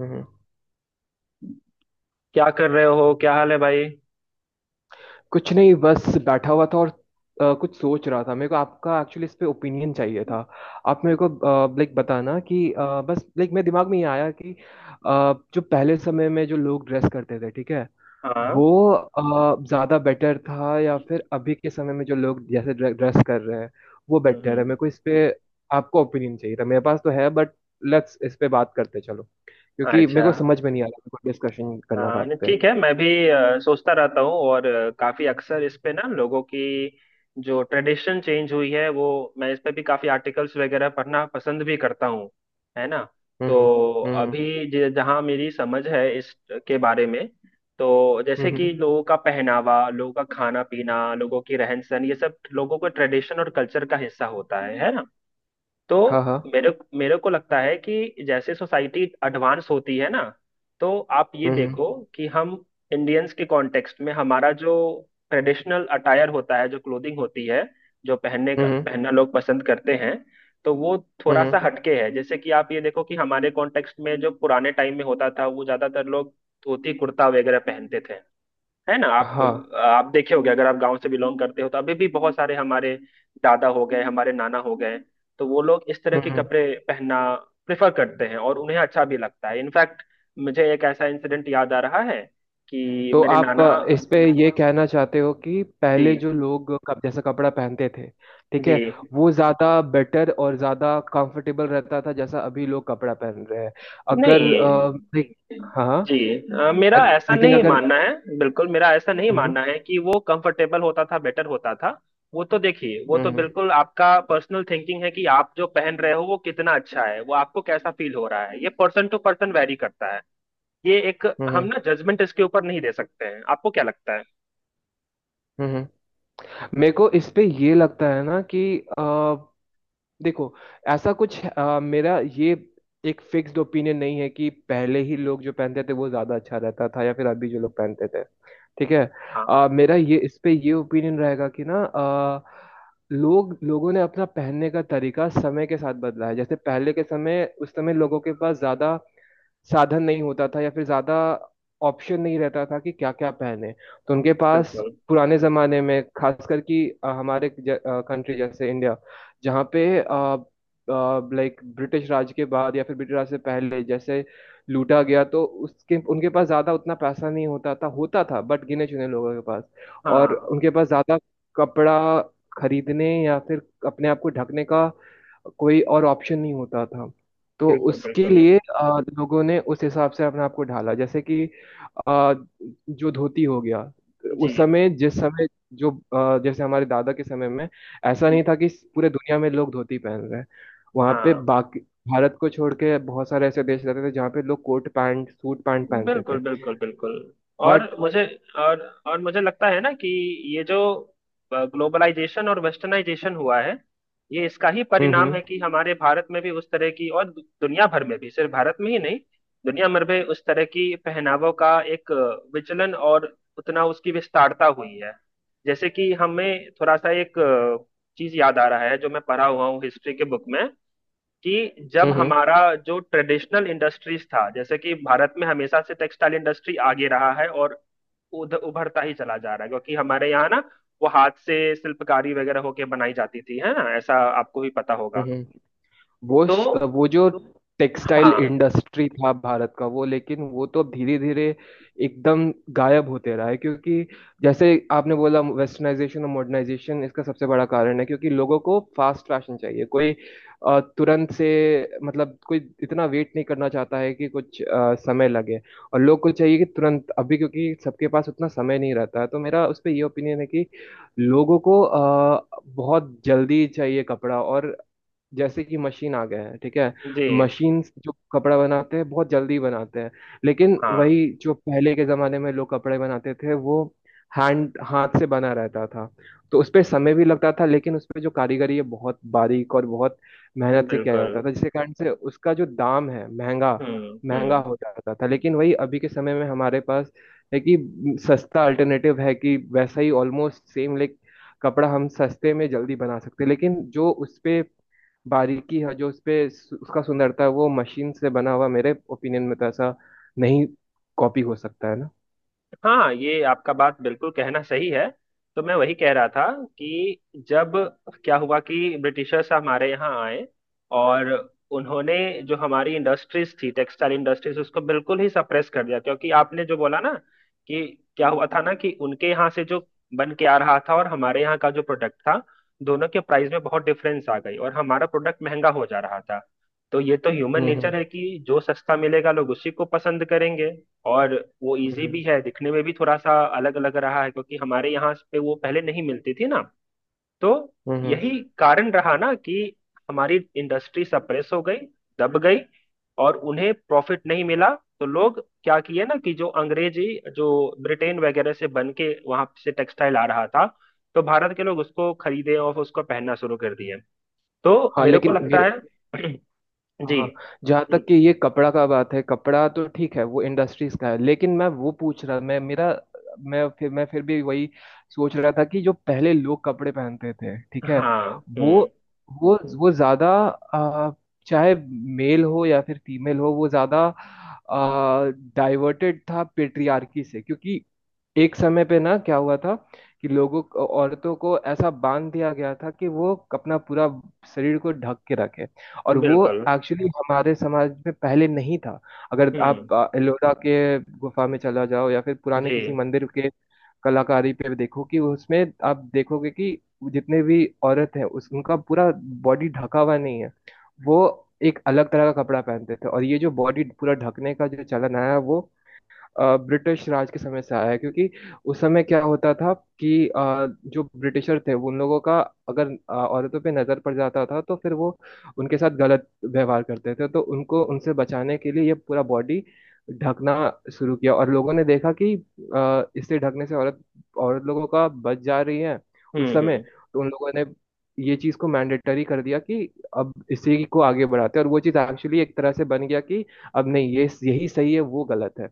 हम्म। क्या कर रहे हो? क्या हाल है भाई? कुछ नहीं बस बैठा हुआ था और कुछ सोच रहा था। मेरे को आपका एक्चुअली इस पे ओपिनियन चाहिए था। आप मेरे को लाइक बताना कि बस लाइक मेरे दिमाग में ये आया कि जो पहले समय में जो लोग ड्रेस करते थे ठीक है। हाँ। वो ज्यादा बेटर था या फिर अभी के समय में जो लोग जैसे ड्रेस कर रहे हैं वो हम्म, बेटर है। हम्म। मेरे को इस पे आपको ओपिनियन चाहिए था। मेरे पास तो है बट लेट्स इस पे बात करते चलो, क्योंकि मेरे अच्छा। को समझ में नहीं आ रहा। मेरे को डिस्कशन करना था हाँ, आप नहीं, पे। ठीक है। मैं भी सोचता रहता हूँ और काफी अक्सर इस पे ना लोगों की जो ट्रेडिशन चेंज हुई है वो मैं इस पे भी काफी आर्टिकल्स वगैरह पढ़ना पसंद भी करता हूँ, है ना। हम्म तो हम्म हम्म। अभी जहाँ मेरी समझ है इस के बारे में। तो जैसे हम्म। कि लोगों का पहनावा, लोगों का खाना पीना, लोगों की रहन सहन, ये सब लोगों के ट्रेडिशन और कल्चर का हिस्सा होता है ना। तो हाँ हाँ। मेरे मेरे को लगता है कि जैसे सोसाइटी एडवांस होती है ना, तो आप ये हम्म देखो कि हम इंडियंस के कॉन्टेक्स्ट में हमारा जो ट्रेडिशनल अटायर होता है, जो क्लोथिंग होती है, जो पहनने का हम्म पहनना लोग पसंद करते हैं, तो वो थोड़ा सा हम्म। हटके है। जैसे कि आप ये देखो कि हमारे कॉन्टेक्स्ट में जो पुराने टाइम में होता था, वो ज्यादातर लोग धोती कुर्ता वगैरह पहनते थे, है ना। आप हाँ। आप देखे होंगे, अगर आप गांव से बिलोंग करते हो तो अभी भी बहुत सारे हमारे दादा हो गए, हमारे नाना हो गए, तो वो लोग इस तरह के हम्म। कपड़े पहनना प्रेफर करते हैं और उन्हें अच्छा भी लगता है। इनफैक्ट मुझे एक ऐसा इंसिडेंट याद आ रहा है कि तो मेरे आप नाना। इस पे ये कहना चाहते हो कि पहले जो जी। लोग जैसा कपड़ा पहनते थे ठीक जी। है। वो ज्यादा बेटर और ज्यादा कंफर्टेबल रहता था जैसा अभी लोग कपड़ा पहन रहे हैं। अगर नहीं। नहीं, हाँ। जी। मेरा ऐसा लेकिन नहीं अगर। मानना है, बिल्कुल मेरा ऐसा नहीं हम्म मानना है कि वो कंफर्टेबल होता था, बेटर होता था। वो तो देखिए, वो तो हम्म बिल्कुल आपका पर्सनल थिंकिंग है कि आप जो पहन रहे हो वो कितना अच्छा है, वो आपको कैसा फील हो रहा है, ये पर्सन टू पर्सन वेरी करता है। ये एक। हम हम्म ना जजमेंट इसके ऊपर नहीं दे सकते हैं। आपको क्या लगता है? हम्म। हम्म। मेरे को इस पे ये लगता है ना कि अ, देखो। ऐसा कुछ मेरा ये एक फिक्स्ड ओपिनियन नहीं है कि पहले ही लोग जो पहनते थे वो ज्यादा अच्छा रहता था या फिर अभी जो लोग पहनते थे, ठीक है। हाँ। मेरा ये इस पे ये ओपिनियन रहेगा कि ना लोग लोगों ने अपना पहनने का तरीका समय के साथ बदला है। जैसे पहले के समय उस समय लोगों के पास ज्यादा साधन नहीं होता था या फिर ज्यादा ऑप्शन नहीं रहता था कि क्या क्या पहने। तो उनके पास बिल्कुल। पुराने जमाने में खासकर कि हमारे कंट्री जैसे इंडिया जहाँ पे लाइक ब्रिटिश राज के बाद या फिर ब्रिटिश राज से पहले जैसे लूटा गया, तो उसके उनके पास ज्यादा उतना पैसा नहीं होता था, होता था बट गिने चुने लोगों के पास। और हाँ। उनके पास ज्यादा कपड़ा खरीदने या फिर अपने आप को ढकने का कोई और ऑप्शन नहीं होता था। तो बिल्कुल उसके बिल्कुल। लिए लोगों ने उस हिसाब से अपने आप को ढाला। जैसे कि अ, जो धोती हो गया जी। उस समय जिस समय जो जैसे हमारे दादा के समय में ऐसा नहीं जी, था कि पूरे दुनिया में लोग धोती पहन रहे हैं। वहाँ पे हाँ। बाकी भारत को छोड़ के बहुत सारे ऐसे देश रहते थे जहाँ पे लोग कोट पैंट सूट पैंट पहनते बिल्कुल थे बिल्कुल बिल्कुल। और बट। मुझे। और और मुझे लगता है ना कि ये जो ग्लोबलाइजेशन और वेस्टर्नाइजेशन हुआ है, ये इसका ही परिणाम है हम्म। कि हमारे भारत में भी उस तरह की और दुनिया भर में भी, सिर्फ भारत में ही नहीं, दुनिया भर में उस तरह की पहनावों का एक विचलन और उतना उसकी विस्तारता हुई है। जैसे कि हमें थोड़ा सा एक चीज याद आ रहा है जो मैं पढ़ा हुआ हूँ हिस्ट्री के बुक में, कि जब हम्म हमारा जो ट्रेडिशनल इंडस्ट्रीज था, जैसे कि भारत में हमेशा से टेक्सटाइल इंडस्ट्री आगे रहा है और उभरता ही चला जा रहा है, क्योंकि हमारे यहाँ ना वो हाथ से शिल्पकारी वगैरह होके बनाई जाती थी, है ना, ऐसा आपको भी पता होगा। हम्म। वो तो श- वो जो टेक्सटाइल हाँ। इंडस्ट्री था भारत का वो, लेकिन वो तो धीरे धीरे एकदम गायब होते रहा है। क्योंकि जैसे आपने बोला वेस्टर्नाइजेशन और मॉडर्नाइजेशन इसका सबसे बड़ा कारण है, क्योंकि लोगों को फास्ट फैशन चाहिए। कोई तुरंत से मतलब कोई इतना वेट नहीं करना चाहता है कि कुछ समय लगे। और लोग को चाहिए कि तुरंत अभी, क्योंकि सबके पास उतना समय नहीं रहता है। तो मेरा उस पर ये ओपिनियन है कि लोगों को बहुत जल्दी चाहिए कपड़ा। और जैसे कि मशीन आ गया है, ठीक है। जी। तो मशीन जो कपड़ा बनाते हैं बहुत जल्दी बनाते हैं। लेकिन हाँ। वही जो पहले के जमाने में लोग कपड़े बनाते थे वो हैंड हाथ से बना रहता था। तो उस पे समय भी लगता था, लेकिन उस पे जो कारीगरी है बहुत बारीक और बहुत मेहनत से किया बिल्कुल। जाता था, जिसके कारण से उसका जो दाम है महंगा हम्म, महंगा हम्म। हो जाता था। लेकिन वही अभी के समय में हमारे पास है कि सस्ता अल्टरनेटिव है कि वैसा ही ऑलमोस्ट सेम लाइक कपड़ा हम सस्ते में जल्दी बना सकते हैं। लेकिन जो उस पे बारीकी है जो उस पे उसका सुंदरता है वो मशीन से बना हुआ मेरे ओपिनियन में तो ऐसा नहीं कॉपी हो सकता है ना। हाँ, ये आपका बात बिल्कुल कहना सही है। तो मैं वही कह रहा था कि जब, क्या हुआ कि ब्रिटिशर्स हमारे यहाँ आए, और उन्होंने जो हमारी इंडस्ट्रीज थी, टेक्सटाइल इंडस्ट्रीज, उसको बिल्कुल ही सप्रेस कर दिया। क्योंकि आपने जो बोला ना कि क्या हुआ था ना कि उनके यहाँ से जो बन के आ रहा था और हमारे यहाँ का जो प्रोडक्ट था, दोनों के प्राइस में बहुत डिफरेंस आ गई और हमारा प्रोडक्ट महंगा हो जा रहा था। तो ये तो ह्यूमन हम्म। नेचर है कि जो सस्ता मिलेगा लोग उसी को पसंद करेंगे, और वो इजी हम्म भी है, दिखने में भी थोड़ा सा अलग अलग रहा है क्योंकि हमारे यहाँ पे वो पहले नहीं मिलती थी ना। तो हम्म। हम्म। यही कारण रहा ना कि हमारी इंडस्ट्री सप्रेस हो गई, दब गई, और उन्हें प्रॉफिट नहीं मिला। तो लोग क्या किए ना कि जो अंग्रेजी, जो ब्रिटेन वगैरह से बन के वहां से टेक्सटाइल आ रहा था, तो भारत के लोग उसको खरीदे और उसको पहनना शुरू कर दिए। तो हाँ। मेरे को लेकिन ये लगता है। जी। हाँ जहाँ तक कि ये कपड़ा का बात है। कपड़ा तो ठीक है, वो इंडस्ट्रीज का है, लेकिन मैं वो पूछ रहा, मैं मेरा, मैं फिर भी वही सोच रहा था कि जो पहले लोग कपड़े पहनते थे, ठीक है। हाँ। वो हम्म। वो ज्यादा आ, चाहे मेल हो या फिर फीमेल हो, वो ज्यादा डाइवर्टेड था पेट्रियार्की से। क्योंकि एक समय पे ना क्या हुआ था कि लोगों को औरतों को ऐसा बांध दिया गया था कि वो अपना पूरा शरीर को ढक के रखे। और वो बिल्कुल। एक्चुअली हमारे समाज में पहले नहीं था। अगर हम्म। आप एलोरा के गुफा में चला जाओ या फिर पुराने जी। किसी मंदिर के कलाकारी पे देखो कि उसमें आप देखोगे कि जितने भी औरत हैं उस उनका पूरा बॉडी ढका हुआ नहीं है। वो एक अलग तरह का कपड़ा पहनते थे। और ये जो बॉडी पूरा ढकने का जो चलन आया है वो ब्रिटिश राज के समय से आया है। क्योंकि उस समय क्या होता था कि जो ब्रिटिशर थे उन लोगों का अगर औरतों पे नजर पड़ जाता था तो फिर वो उनके साथ गलत व्यवहार करते थे। तो उनको उनसे बचाने के लिए ये पूरा बॉडी ढकना शुरू किया। और लोगों ने देखा कि इससे ढकने से औरत औरत लोगों का बच जा रही है हम्म, उस समय। हम्म। तो उन लोगों ने ये चीज को मैंडेटरी कर दिया कि अब इसी को आगे बढ़ाते हैं। और वो चीज एक्चुअली एक तरह से बन गया कि अब नहीं, ये यही सही है वो गलत है।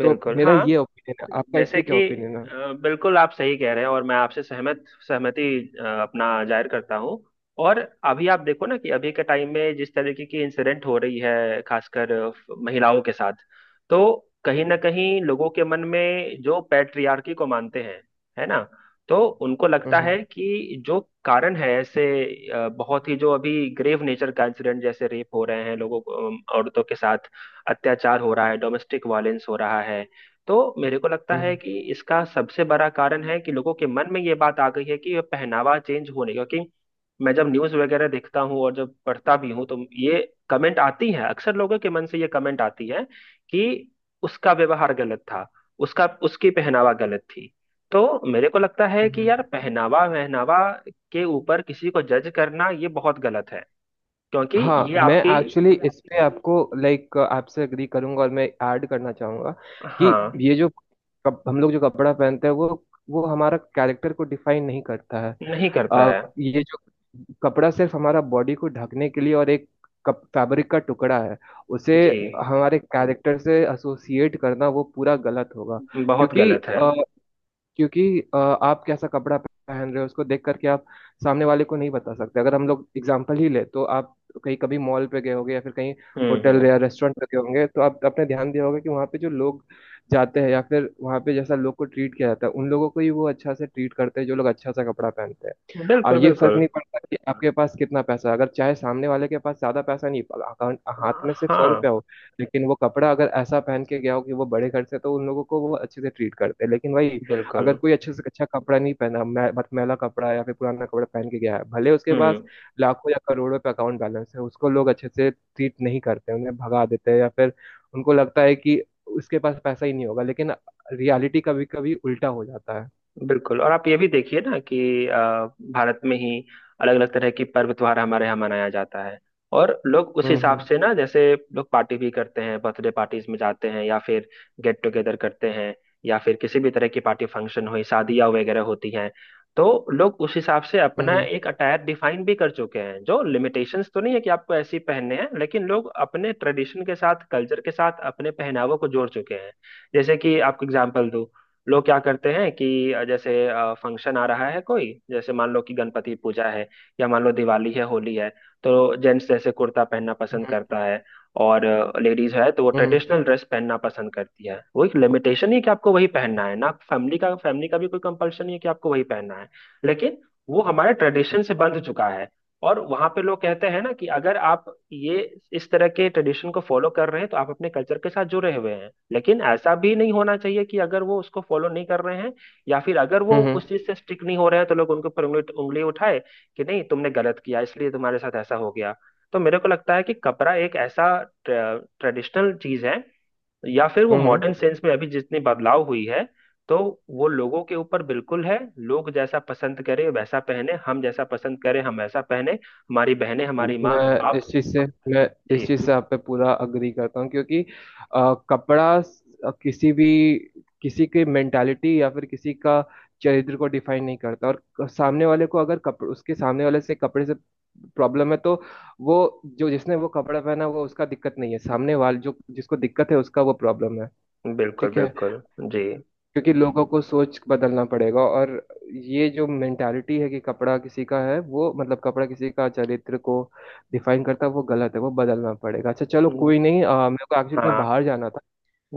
तो मेरा हाँ। ये ओपिनियन है, आपका इस जैसे पे कि क्या ओपिनियन है? बिल्कुल आप सही कह रहे हैं और मैं आपसे सहमत, सहमति अपना जाहिर करता हूँ। और अभी आप देखो ना कि अभी के टाइम में जिस तरीके की इंसिडेंट हो रही है, खासकर महिलाओं के साथ, तो कहीं ना कहीं लोगों के मन में जो पैट्रियार्की को मानते हैं, है ना, तो उनको लगता है हम्म कि जो कारण है ऐसे, बहुत ही जो अभी ग्रेव नेचर का इंसिडेंट जैसे रेप हो रहे हैं लोगों को, औरतों के साथ अत्याचार हो रहा है, डोमेस्टिक वायलेंस हो रहा है। तो मेरे को लगता है हम्म। कि इसका सबसे बड़ा कारण है कि लोगों के मन में ये बात आ गई है कि पहनावा चेंज होने का, क्योंकि मैं जब न्यूज वगैरह देखता हूँ और जब पढ़ता भी हूँ, तो ये कमेंट आती है, अक्सर लोगों के मन से ये कमेंट आती है कि उसका व्यवहार गलत था, उसका उसकी पहनावा गलत थी। तो मेरे को लगता है कि हम्म। यार पहनावा वहनावा के ऊपर किसी को जज करना ये बहुत गलत है, क्योंकि हाँ, ये मैं आपकी। एक्चुअली इस पे आपको लाइक आपसे अग्री करूंगा और मैं ऐड करना चाहूंगा कि हाँ। ये जो हम लोग जो कपड़ा पहनते हैं वो हमारा कैरेक्टर को डिफाइन नहीं करता है। नहीं करता है। ये जो कपड़ा सिर्फ हमारा बॉडी को ढकने के लिए और एक कप फैब्रिक का टुकड़ा है। उसे जी। हमारे कैरेक्टर से एसोसिएट करना वो पूरा गलत होगा, बहुत क्योंकि गलत है। अ, क्योंकि आप कैसा कपड़ा पहन रहे हो उसको देख करके आप सामने वाले को नहीं बता सकते। अगर हम लोग एग्जाम्पल ही ले तो आप कहीं कभी मॉल पे गए होंगे या फिर कहीं हम्म, होटल हम्म। या रेस्टोरेंट पे गए होंगे, तो आप आपने ध्यान दिया होगा कि वहाँ पे जो लोग जाते हैं या फिर वहाँ पे जैसा लोग को ट्रीट किया जाता है, उन लोगों को ही वो अच्छा से ट्रीट करते हैं जो लोग अच्छा सा कपड़ा पहनते हैं। अब बिल्कुल ये फर्क बिल्कुल। नहीं पड़ता कि आपके पास कितना पैसा है। अगर चाहे सामने वाले के पास ज्यादा पैसा नहीं, अकाउंट हाथ में सिर्फ सौ हाँ रुपया हो, लेकिन वो कपड़ा अगर ऐसा पहन के गया हो कि वो बड़े घर से, तो उन लोगों को वो अच्छे से ट्रीट करते हैं। लेकिन वही बिल्कुल। अगर कोई अच्छे से अच्छा कपड़ा नहीं पहना, मैं मैला कपड़ा या फिर पुराना कपड़ा पहन के गया है, भले उसके पास हम्म। लाखों या करोड़ों पे अकाउंट बैलेंस है, उसको लोग अच्छे से ट्रीट नहीं करते, उन्हें भगा देते हैं, या फिर उनको लगता है कि उसके पास पैसा ही नहीं होगा, लेकिन रियलिटी कभी कभी उल्टा हो जाता है। बिल्कुल। और आप ये भी देखिए ना कि अ, भारत में ही अलग अलग तरह की पर्व त्योहार हमारे यहाँ मनाया जाता है, और लोग उस हिसाब हम्म से ना जैसे लोग पार्टी भी करते हैं, बर्थडे पार्टीज में जाते हैं, या फिर गेट टुगेदर करते हैं, या फिर किसी भी तरह की पार्टी फंक्शन हुई, शादियाँ वगैरह होती हैं, तो लोग उस हिसाब से अपना हम्म। एक अटायर डिफाइन भी कर चुके हैं। जो लिमिटेशंस तो नहीं है कि आपको ऐसे ही पहनने हैं, लेकिन लोग अपने ट्रेडिशन के साथ, कल्चर के साथ अपने पहनावों को जोड़ चुके हैं। जैसे कि आपको एग्जाम्पल दूं, लोग क्या करते हैं कि जैसे फंक्शन आ रहा है कोई, जैसे मान लो कि गणपति पूजा है, या मान लो दिवाली है, होली है, तो जेंट्स जैसे कुर्ता पहनना पसंद हम्म करता है, और लेडीज है तो वो हम्म। ट्रेडिशनल ड्रेस पहनना पसंद करती है। वो एक लिमिटेशन नहीं है कि आपको वही पहनना है, ना फैमिली का भी कोई कंपल्शन नहीं है कि आपको वही पहनना है, लेकिन वो हमारे ट्रेडिशन से बंध चुका है। और वहां पे लोग कहते हैं ना कि अगर आप ये इस तरह के ट्रेडिशन को फॉलो कर रहे हैं तो आप अपने कल्चर के साथ जुड़े हुए हैं, लेकिन ऐसा भी नहीं होना चाहिए कि अगर वो उसको फॉलो नहीं कर रहे हैं या फिर अगर वो हम्म। उस चीज से स्टिक नहीं हो रहे हैं तो लोग उनके ऊपर उंगली उंगली उठाए कि नहीं, तुमने गलत किया इसलिए तुम्हारे साथ ऐसा हो गया। तो मेरे को लगता है कि कपड़ा एक ऐसा ट्रेडिशनल चीज है, या फिर वो हम्म। Modern hmm. सेंस में अभी जितनी बदलाव हुई है, तो वो लोगों के ऊपर बिल्कुल है। लोग जैसा पसंद करें वैसा पहने, हम जैसा पसंद करें हम वैसा पहने, हमारी बहनें, हमारी माँ, मैं इस आप, चीज से हम। मैं इस चीज जी। से आप पे पूरा अग्री करता हूँ। क्योंकि कपड़ा किसी भी किसी की मेंटालिटी या फिर किसी का चरित्र को डिफाइन नहीं करता। और सामने वाले को अगर कपड़ उसके सामने वाले से कपड़े से प्रॉब्लम है, तो वो जो जिसने वो कपड़ा पहना वो उसका दिक्कत नहीं है, सामने वाले जो जिसको दिक्कत है उसका वो प्रॉब्लम है। बिल्कुल ठीक है। बिल्कुल। जी। क्योंकि लोगों को सोच बदलना पड़ेगा। और ये जो मेंटालिटी है कि कपड़ा किसी का है वो, मतलब कपड़ा किसी का चरित्र को डिफाइन करता है, वो गलत है, वो बदलना पड़ेगा। अच्छा चलो कोई नहीं, मेरे को एक्चुअली कहीं हाँ। बाहर जाना था।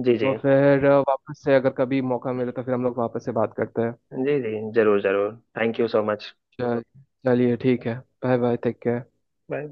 जी जी। तो फिर वापस से अगर कभी मौका मिले तो फिर हम लोग वापस से बात करते हैं। जी जी जरूर जरूर थैंक यू सो मच। चल- चलिए ठीक है। Bye bye, take care. Bye.